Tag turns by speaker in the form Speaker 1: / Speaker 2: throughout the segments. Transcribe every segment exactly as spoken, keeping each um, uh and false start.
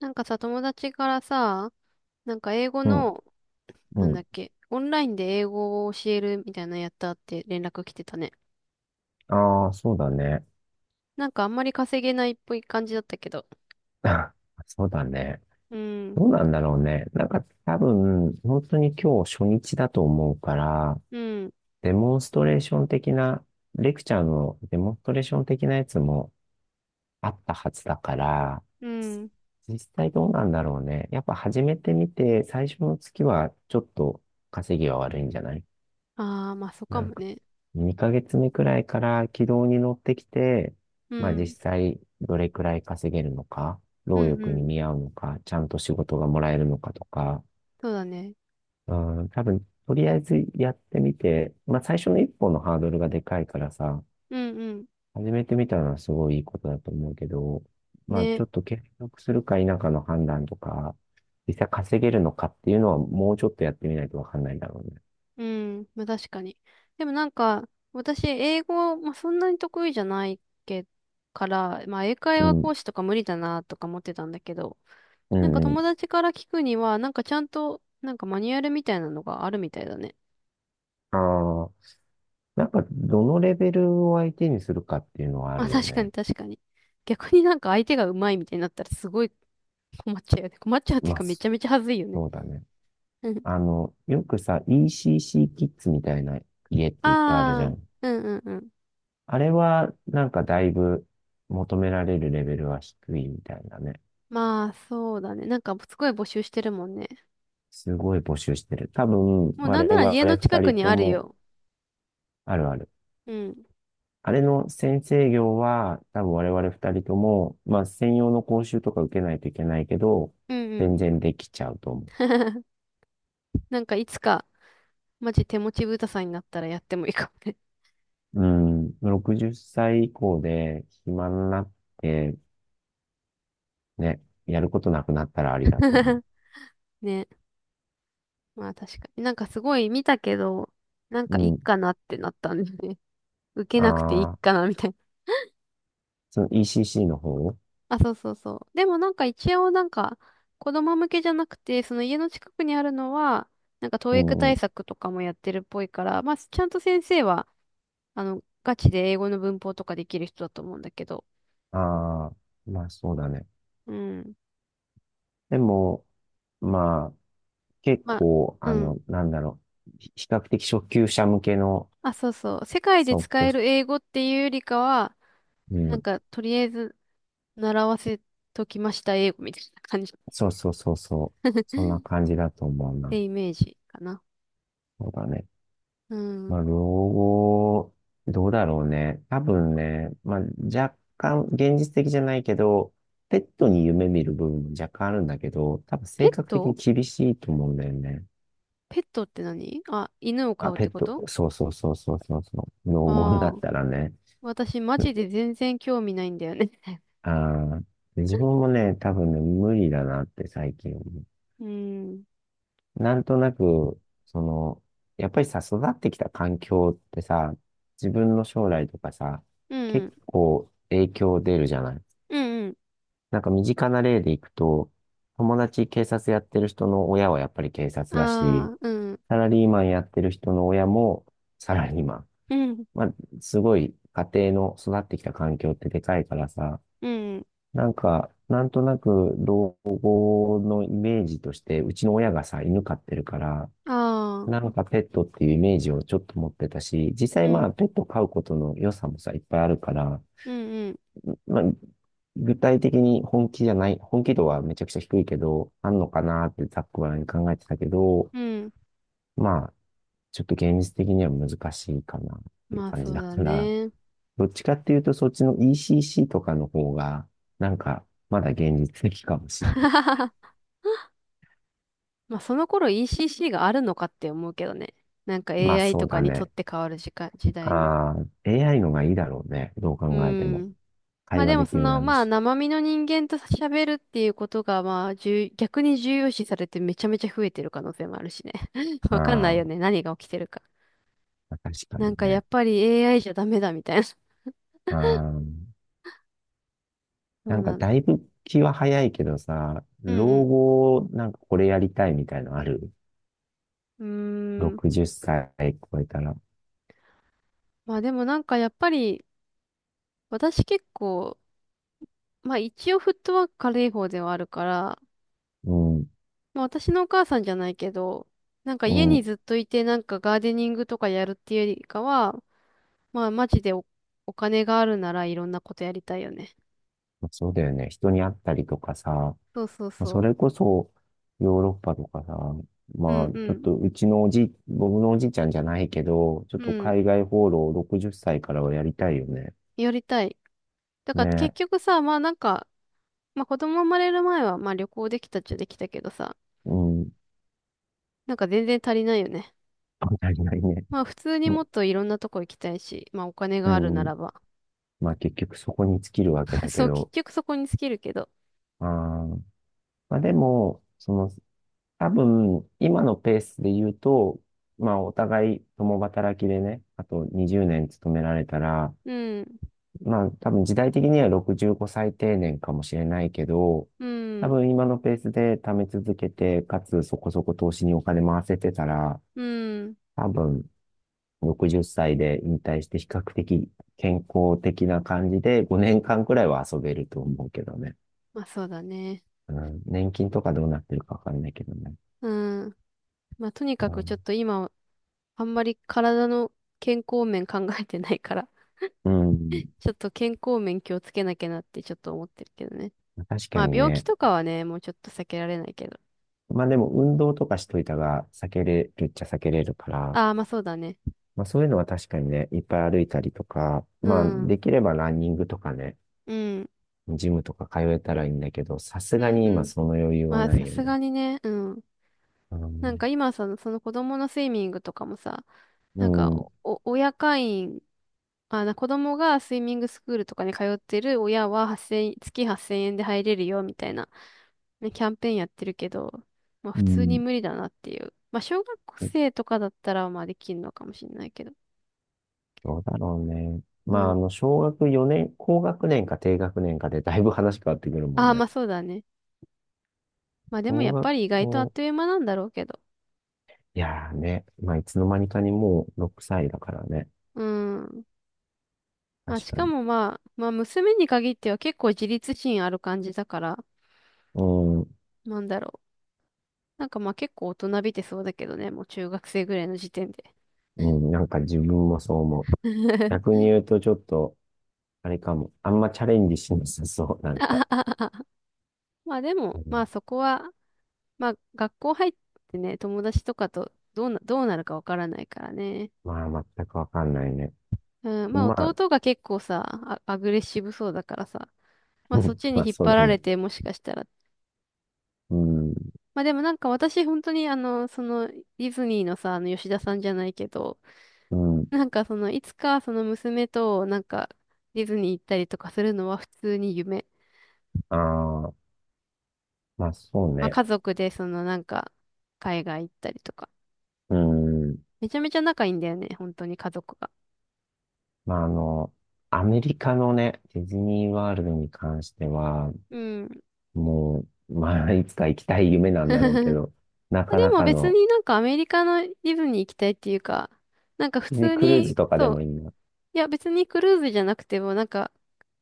Speaker 1: なんかさ、友達からさ、なんか英語
Speaker 2: うん、
Speaker 1: の、なん
Speaker 2: う
Speaker 1: だ
Speaker 2: ん。
Speaker 1: っけ、オンラインで英語を教えるみたいなのやったって連絡来てたね。
Speaker 2: ああ、そうだね。
Speaker 1: なんかあんまり稼げないっぽい感じだったけど。
Speaker 2: そうだね。
Speaker 1: うん、
Speaker 2: どうなんだろうね。なんか多分、本当に今日初日だと思うから、
Speaker 1: うん、
Speaker 2: デモンストレーション的な、レクチャーのデモンストレーション的なやつもあったはずだから、
Speaker 1: うん。
Speaker 2: 実際どうなんだろうね。やっぱ始めてみて、最初の月はちょっと稼ぎは悪いんじゃない。
Speaker 1: ああ、まあそうか
Speaker 2: なん
Speaker 1: も
Speaker 2: か、
Speaker 1: ね。
Speaker 2: にかげつめくらいから軌道に乗ってきて、
Speaker 1: う
Speaker 2: まあ実
Speaker 1: ん、
Speaker 2: 際どれくらい稼げるのか、
Speaker 1: う
Speaker 2: 労
Speaker 1: ん、う
Speaker 2: 力に
Speaker 1: ん。
Speaker 2: 見合うのか、ちゃんと仕事がもらえるのかとか、
Speaker 1: そうだね。
Speaker 2: うん、多分、とりあえずやってみて、まあ最初の一歩のハードルがでかいからさ、
Speaker 1: うん、うん。
Speaker 2: 始めてみたのはすごいいいことだと思うけど、まあち
Speaker 1: ね。
Speaker 2: ょっと継続するか否かの判断とか、実際稼げるのかっていうのはもうちょっとやってみないとわかんないだろうね。
Speaker 1: うん、まあ確かに。でもなんか、私、英語、まあそんなに得意じゃないけから、まあ英会
Speaker 2: う
Speaker 1: 話
Speaker 2: ん、
Speaker 1: 講師とか無理だなとか思ってたんだけど、
Speaker 2: う
Speaker 1: なんか
Speaker 2: ん、うん。
Speaker 1: 友達から聞くには、なんかちゃんと、なんかマニュアルみたいなのがあるみたいだね。
Speaker 2: ああ、なんか、どのレベルを相手にするかっていうのは あ
Speaker 1: まあ
Speaker 2: るよ
Speaker 1: 確かに
Speaker 2: ね。
Speaker 1: 確かに。逆になんか相手が上手いみたいになったらすごい困っちゃうよね。困っちゃうっていう
Speaker 2: まあ、
Speaker 1: かめち
Speaker 2: そ
Speaker 1: ゃめちゃ恥ずいよね。
Speaker 2: うだね。
Speaker 1: うん。
Speaker 2: あの、よくさ、イーシーシー キッズみたいな家っ
Speaker 1: あ
Speaker 2: ていっぱいあるじゃ
Speaker 1: あ、
Speaker 2: ん。
Speaker 1: うんうんうん。
Speaker 2: あれは、なんかだいぶ求められるレベルは低いみたいなね。
Speaker 1: まあそうだね。なんかすごい募集してるもんね。
Speaker 2: すごい募集してる。多分、
Speaker 1: もうなん
Speaker 2: 我
Speaker 1: なら
Speaker 2: 々
Speaker 1: 家の近
Speaker 2: 二
Speaker 1: く
Speaker 2: 人
Speaker 1: に
Speaker 2: と
Speaker 1: ある
Speaker 2: も、
Speaker 1: よ。
Speaker 2: あるある。
Speaker 1: うん。
Speaker 2: あれの先生業は、多分我々二人とも、まあ、専用の講習とか受けないといけないけど、
Speaker 1: うんうん。
Speaker 2: 全然できちゃうと思う。
Speaker 1: なんかいつか、マジ手持ち豚さんになったらやってもいいかもね。
Speaker 2: うん、ろくじゅっさい以降で暇になって、ね、やることなくなったらありだと思
Speaker 1: ね。まあ確かに。なんかすごい見たけど、なんかいい
Speaker 2: う。う
Speaker 1: か
Speaker 2: ん。
Speaker 1: なってなったんでね。受けなくていい
Speaker 2: ああ、
Speaker 1: かなみたいな。
Speaker 2: その イーシーシー の方？
Speaker 1: あ、そうそうそう。でもなんか一応なんか子供向けじゃなくて、その家の近くにあるのは、なんか教
Speaker 2: う
Speaker 1: 育
Speaker 2: んう
Speaker 1: 対
Speaker 2: ん。
Speaker 1: 策とかもやってるっぽいから、まあちゃんと先生は、あの、ガチで英語の文法とかできる人だと思うんだけど。
Speaker 2: ああ、まあそうだね。
Speaker 1: うん。
Speaker 2: でも、まあ、結
Speaker 1: まあ、
Speaker 2: 構、
Speaker 1: う
Speaker 2: あ
Speaker 1: ん。
Speaker 2: の、なんだろう。ひ比較的初級者向けの
Speaker 1: あ、そうそう。世界
Speaker 2: 即
Speaker 1: で使
Speaker 2: 興、
Speaker 1: える英語っていうよりかは、
Speaker 2: う
Speaker 1: なん
Speaker 2: ん。
Speaker 1: かとりあえず習わせときました英語みたいな感じ。
Speaker 2: そうそうそうそう。そんな 感じだと思う
Speaker 1: って
Speaker 2: な。
Speaker 1: イメージかな。
Speaker 2: そうだね。
Speaker 1: うん。
Speaker 2: まあ、老後、どうだろうね。多分ね、まあ、若干現実的じゃないけど、ペットに夢見る部分も若干あるんだけど、多分
Speaker 1: ペッ
Speaker 2: 性格的に
Speaker 1: ト
Speaker 2: 厳しいと思うんだよね。
Speaker 1: ペットって何あ、犬を飼
Speaker 2: あ、
Speaker 1: うっ
Speaker 2: ペ
Speaker 1: て
Speaker 2: ッ
Speaker 1: こ
Speaker 2: ト、
Speaker 1: と？
Speaker 2: そうそうそうそうそうそう、老後にな
Speaker 1: ああ
Speaker 2: っ
Speaker 1: ー、
Speaker 2: たらね。
Speaker 1: 私マジで全然興味ないんだよね。
Speaker 2: ああ。で、自分もね、多分ね、無理だなって最近思
Speaker 1: うん。
Speaker 2: う。なんとなく、その、やっぱりさ、育ってきた環境ってさ、自分の将来とかさ、
Speaker 1: う
Speaker 2: 結
Speaker 1: ん。
Speaker 2: 構影響出るじゃない。
Speaker 1: うんうん。
Speaker 2: なんか身近な例でいくと、友達警察やってる人の親はやっぱり警察だし、
Speaker 1: ああ、うん。
Speaker 2: サラリーマンやってる人の親もサラリーマン。
Speaker 1: うん。
Speaker 2: まあ、すごい家庭の育ってきた環境ってでかいからさ、
Speaker 1: うん。
Speaker 2: なんか、なんとなく老後のイメージとして、うちの親がさ、犬飼ってるから、
Speaker 1: ああ、
Speaker 2: なんかペットっていうイメージをちょっと持ってたし、実
Speaker 1: う
Speaker 2: 際ま
Speaker 1: ん。
Speaker 2: あペット飼うことの良さもさ、いっぱいあるから、
Speaker 1: うんうん。
Speaker 2: まあ、具体的に本気じゃない、本気度はめちゃくちゃ低いけど、あんのかなってざっくばらんに考えてたけど、
Speaker 1: うん。
Speaker 2: まあ、ちょっと現実的には難しいかなっていう
Speaker 1: まあ
Speaker 2: 感
Speaker 1: そ
Speaker 2: じ
Speaker 1: う
Speaker 2: だ
Speaker 1: だ
Speaker 2: から、
Speaker 1: ね。
Speaker 2: どっちかっていうとそっちの イーシーシー とかの方が、なんか、まだ現実的かもしれない。
Speaker 1: まあその頃 イーシーシー があるのかって思うけどね。なんか
Speaker 2: まあ
Speaker 1: エーアイ
Speaker 2: そ
Speaker 1: と
Speaker 2: う
Speaker 1: か
Speaker 2: だ
Speaker 1: にとっ
Speaker 2: ね。
Speaker 1: て変わる時間、時代に。
Speaker 2: ああ、エーアイ のがいいだろうね。どう
Speaker 1: う
Speaker 2: 考えても。
Speaker 1: ん。ま
Speaker 2: 会
Speaker 1: あで
Speaker 2: 話
Speaker 1: も
Speaker 2: でき
Speaker 1: そ
Speaker 2: る
Speaker 1: の、
Speaker 2: だろう
Speaker 1: まあ
Speaker 2: し。
Speaker 1: 生身の人間と喋るっていうことが、まあ重逆に重要視されてめちゃめちゃ増えてる可能性もあるしね。わかんない
Speaker 2: あ
Speaker 1: よね。何が起きてるか。
Speaker 2: あ、確か
Speaker 1: な
Speaker 2: に
Speaker 1: んかや
Speaker 2: ね。
Speaker 1: っぱり エーアイ じゃダメだみたいな。そ
Speaker 2: ああ。な
Speaker 1: う
Speaker 2: んか
Speaker 1: なん
Speaker 2: だ
Speaker 1: だ。
Speaker 2: いぶ気は早いけどさ、
Speaker 1: う
Speaker 2: 老
Speaker 1: ん
Speaker 2: 後なんかこれやりたいみたいのある？
Speaker 1: うん。うーん。
Speaker 2: ろくじゅう 歳超えたら。
Speaker 1: まあでもなんかやっぱり、私結構、まあ一応フットワーク軽い方ではあるから、
Speaker 2: うん、
Speaker 1: まあ私のお母さんじゃないけど、なんか
Speaker 2: う
Speaker 1: 家に
Speaker 2: ん、
Speaker 1: ずっといてなんかガーデニングとかやるっていうよりかは、まあ、マジでお、お金があるならいろんなことやりたいよね。
Speaker 2: そうだよね。人に会ったりとかさ、
Speaker 1: そうそう
Speaker 2: まあそ
Speaker 1: そ
Speaker 2: れこそヨーロッパとかさ、
Speaker 1: う。う
Speaker 2: ま
Speaker 1: ん
Speaker 2: あ
Speaker 1: う
Speaker 2: ちょっ
Speaker 1: ん。
Speaker 2: とうちのおじ、僕のおじいちゃんじゃないけど、ちょっ
Speaker 1: う
Speaker 2: と
Speaker 1: ん。
Speaker 2: 海外放浪ろくじゅっさいからはやりたいよね。
Speaker 1: やりたい。だから結
Speaker 2: ね、
Speaker 1: 局さ、まあなんか、まあ子供生まれる前は、まあ旅行できたっちゃできたけどさ、
Speaker 2: うん、
Speaker 1: なんか全然足りないよね。
Speaker 2: やりたいね。
Speaker 1: まあ普通に
Speaker 2: ま、
Speaker 1: もっといろんなとこ行きたいし、まあお金
Speaker 2: う
Speaker 1: があるな
Speaker 2: ん、
Speaker 1: らば。
Speaker 2: まあ結局そこに尽きるわけ だけ
Speaker 1: そう、結
Speaker 2: ど、
Speaker 1: 局そこに尽きるけど。
Speaker 2: あーまあでも、その、多分、今のペースで言うと、まあ、お互い共働きでね、あとにじゅうねん勤められたら、
Speaker 1: うん。
Speaker 2: まあ、多分時代的にはろくじゅうごさい定年かもしれないけど、
Speaker 1: う
Speaker 2: 多
Speaker 1: ん。
Speaker 2: 分今のペースで貯め続けて、かつそこそこ投資にお金回せてたら、
Speaker 1: うん。
Speaker 2: 多分ろくじゅっさいで引退して比較的健康的な感じでごねんかんくらいは遊べると思うけどね。
Speaker 1: まあそうだね。
Speaker 2: うん、年金とかどうなってるかわかんないけどね。
Speaker 1: うん。まあとにか
Speaker 2: う
Speaker 1: くちょっ
Speaker 2: ん、
Speaker 1: と今、あんまり体の健康面考えてないから
Speaker 2: うん、
Speaker 1: ちょっと健康面気をつけなきゃなってちょっと思ってるけどね。
Speaker 2: 確か
Speaker 1: まあ
Speaker 2: に
Speaker 1: 病気
Speaker 2: ね。
Speaker 1: とかはね、もうちょっと避けられないけど。
Speaker 2: まあでも運動とかしといたが避けれるっちゃ避けれるから、
Speaker 1: ああ、まあそうだね。
Speaker 2: まあそういうのは確かにね、いっぱい歩いたりとか、
Speaker 1: う
Speaker 2: まあ
Speaker 1: ん。
Speaker 2: できればランニングとかね、
Speaker 1: うん。
Speaker 2: ジムとか通えたらいいんだけど、さす
Speaker 1: う
Speaker 2: が
Speaker 1: ん。
Speaker 2: に
Speaker 1: う
Speaker 2: 今
Speaker 1: ん。
Speaker 2: その余裕は
Speaker 1: まあ
Speaker 2: な
Speaker 1: さ
Speaker 2: いよ
Speaker 1: す
Speaker 2: ね。
Speaker 1: がにね、うん。
Speaker 2: う
Speaker 1: なんか
Speaker 2: ん。
Speaker 1: 今その、その子供のスイミングとかもさ、
Speaker 2: う
Speaker 1: なんか
Speaker 2: ん。
Speaker 1: お、お親会員、あ、な子供がスイミングスクールとかに通ってる親は8 0 0月はっせんえんで入れるよみたいな、ね、キャンペーンやってるけど、まあ
Speaker 2: う
Speaker 1: 普通に
Speaker 2: ん。
Speaker 1: 無理だなっていう。まあ小学生とかだったらまあできるのかもしれないけど。
Speaker 2: どうだろうね。まあ
Speaker 1: う
Speaker 2: あの、小学よねん、高学年か低学年かでだいぶ話変わってくるも
Speaker 1: あ
Speaker 2: ん
Speaker 1: あ、ま
Speaker 2: ね。
Speaker 1: あそうだね。まあでも
Speaker 2: 小
Speaker 1: やっ
Speaker 2: 学
Speaker 1: ぱり意外とあっ
Speaker 2: 校、
Speaker 1: という間なんだろうけど。
Speaker 2: いやーね、まあいつの間にかにもうろくさいだからね。
Speaker 1: うん。ま
Speaker 2: 確
Speaker 1: あし
Speaker 2: か
Speaker 1: か
Speaker 2: に。
Speaker 1: もまあ、まあ娘に限っては結構自立心ある感じだから、
Speaker 2: うん。
Speaker 1: なんだろう。なんかまあ結構大人びてそうだけどね、もう中学生ぐらいの時点で。
Speaker 2: うん、なんか自分もそう思う。逆 に言うとちょっと、あれかも。あんまチャレンジしなさそう、なんか。
Speaker 1: まあでも、
Speaker 2: う
Speaker 1: まあ
Speaker 2: ん、
Speaker 1: そこは、まあ学校入ってね、友達とかとどうな、どうなるかわからないからね。
Speaker 2: まあ、全くわかんないね。
Speaker 1: うん、まあ
Speaker 2: まあ、
Speaker 1: 弟が結構さ、あアグレッシブそうだからさ、まあそっち
Speaker 2: ま
Speaker 1: に
Speaker 2: あ、
Speaker 1: 引っ
Speaker 2: そ
Speaker 1: 張
Speaker 2: うだ
Speaker 1: られ
Speaker 2: ね。
Speaker 1: てもしかしたら
Speaker 2: うん、
Speaker 1: まあでもなんか私本当にあの、そのディズニーのさ、あの吉田さんじゃないけど、
Speaker 2: うん。
Speaker 1: なんかそのいつかその娘となんかディズニー行ったりとかするのは普通に夢。
Speaker 2: ああ、まあ、そう
Speaker 1: まあ
Speaker 2: ね。
Speaker 1: 家族でそのなんか海外行ったりとか。
Speaker 2: うん。
Speaker 1: めちゃめちゃ仲いいんだよね、本当に家族が。
Speaker 2: まあ、あの、アメリカのね、ディズニーワールドに関しては、
Speaker 1: うん。
Speaker 2: もう、まあ、いつか行きたい夢なんだろうけ ど、な
Speaker 1: で
Speaker 2: かな
Speaker 1: も
Speaker 2: か
Speaker 1: 別
Speaker 2: の、
Speaker 1: になんかアメリカのディズニー行きたいっていうか、なんか普
Speaker 2: ディズニー
Speaker 1: 通
Speaker 2: クルーズ
Speaker 1: に、
Speaker 2: とかで
Speaker 1: そ
Speaker 2: もい
Speaker 1: う、
Speaker 2: いな。
Speaker 1: いや、別にクルーズじゃなくても、なんか、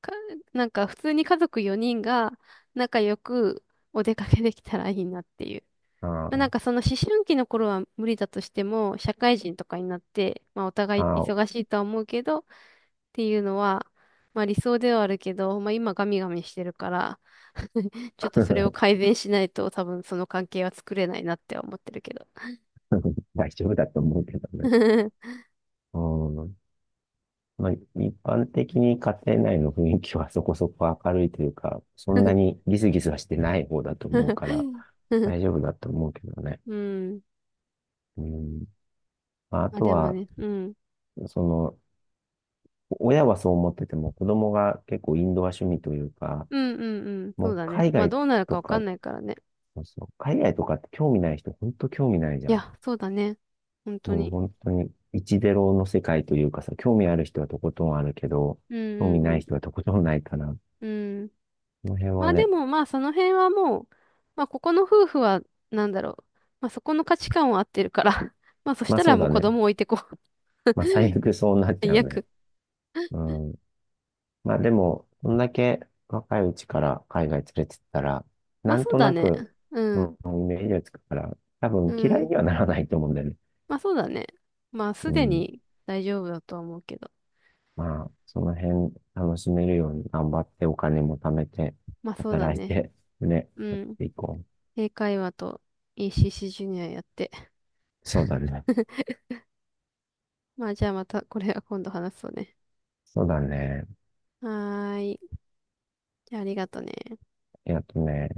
Speaker 1: か、なんか普通に家族よにんが仲良くお出かけできたらいいなっていう。
Speaker 2: あ
Speaker 1: まあ、
Speaker 2: あ、
Speaker 1: なんかその思春期の頃は無理だとしても、社会人とかになって、まあお互い
Speaker 2: ああ、
Speaker 1: 忙しいとは思うけど、っていうのは、まあ理想ではあるけど、まあ今ガミガミしてるから ちょっとそれを 改善しないと多分その関係は作れないなって思ってるけど。
Speaker 2: 大丈夫だと思うけどね。うん、まあ、一般的に家庭内の雰囲気は そこそこ明るいというか、そんなにギスギスはしてない方だと思うから、大丈夫だと思うけどね。
Speaker 1: うん。
Speaker 2: うん。まあ、あ
Speaker 1: まあ
Speaker 2: と
Speaker 1: でも
Speaker 2: は、
Speaker 1: ね、うん。
Speaker 2: その、親はそう思ってても、子供が結構インドア趣味というか、
Speaker 1: うんうんうん。そ
Speaker 2: も
Speaker 1: う
Speaker 2: う
Speaker 1: だね。
Speaker 2: 海
Speaker 1: まあ
Speaker 2: 外
Speaker 1: どうなるか
Speaker 2: と
Speaker 1: わか
Speaker 2: か、
Speaker 1: んないからね。
Speaker 2: そうそう、海外とかって興味ない人、本当興味ないじ
Speaker 1: い
Speaker 2: ゃん。
Speaker 1: や、そうだね。本当
Speaker 2: もう
Speaker 1: に。
Speaker 2: 本当に、一ゼロの世界というかさ、興味ある人はとことんあるけど、
Speaker 1: う
Speaker 2: 興味
Speaker 1: ん
Speaker 2: な
Speaker 1: う
Speaker 2: い人
Speaker 1: ん
Speaker 2: はとことんないから、こ
Speaker 1: うん。うん。
Speaker 2: の辺
Speaker 1: ま
Speaker 2: は
Speaker 1: あで
Speaker 2: ね、
Speaker 1: もまあその辺はもう、まあここの夫婦はなんだろう。まあそこの価値観を合ってるから。まあそし
Speaker 2: まあ
Speaker 1: た
Speaker 2: そ
Speaker 1: ら
Speaker 2: う
Speaker 1: もう
Speaker 2: だ
Speaker 1: 子
Speaker 2: ね。
Speaker 1: 供置いてこう。
Speaker 2: まあ、最悪そうなっ ちゃ
Speaker 1: 最
Speaker 2: うね。
Speaker 1: 悪。
Speaker 2: うん。まあ、でも、こんだけ若いうちから海外連れてったら、
Speaker 1: まあ
Speaker 2: なん
Speaker 1: そう
Speaker 2: と
Speaker 1: だ
Speaker 2: な
Speaker 1: ね。
Speaker 2: く、う
Speaker 1: うん。
Speaker 2: ん、イメージがつくから、多
Speaker 1: う
Speaker 2: 分嫌い
Speaker 1: ん。
Speaker 2: にはならないと思うんだよね。
Speaker 1: まあそうだね。まあ
Speaker 2: う
Speaker 1: すで
Speaker 2: ん。
Speaker 1: に大丈夫だとは思うけど。
Speaker 2: まあ、その辺楽しめるように頑張ってお金も貯めて、
Speaker 1: まあそうだ
Speaker 2: 働い
Speaker 1: ね。
Speaker 2: て、ね、
Speaker 1: う
Speaker 2: やっ
Speaker 1: ん。
Speaker 2: ていこう。
Speaker 1: 英会話と イーシーシー ジュニアやって。
Speaker 2: そうだね。
Speaker 1: まあじゃあまたこれは今度話そうね。
Speaker 2: そうだね。
Speaker 1: はーい。じゃあ、ありがとね。
Speaker 2: えっとね、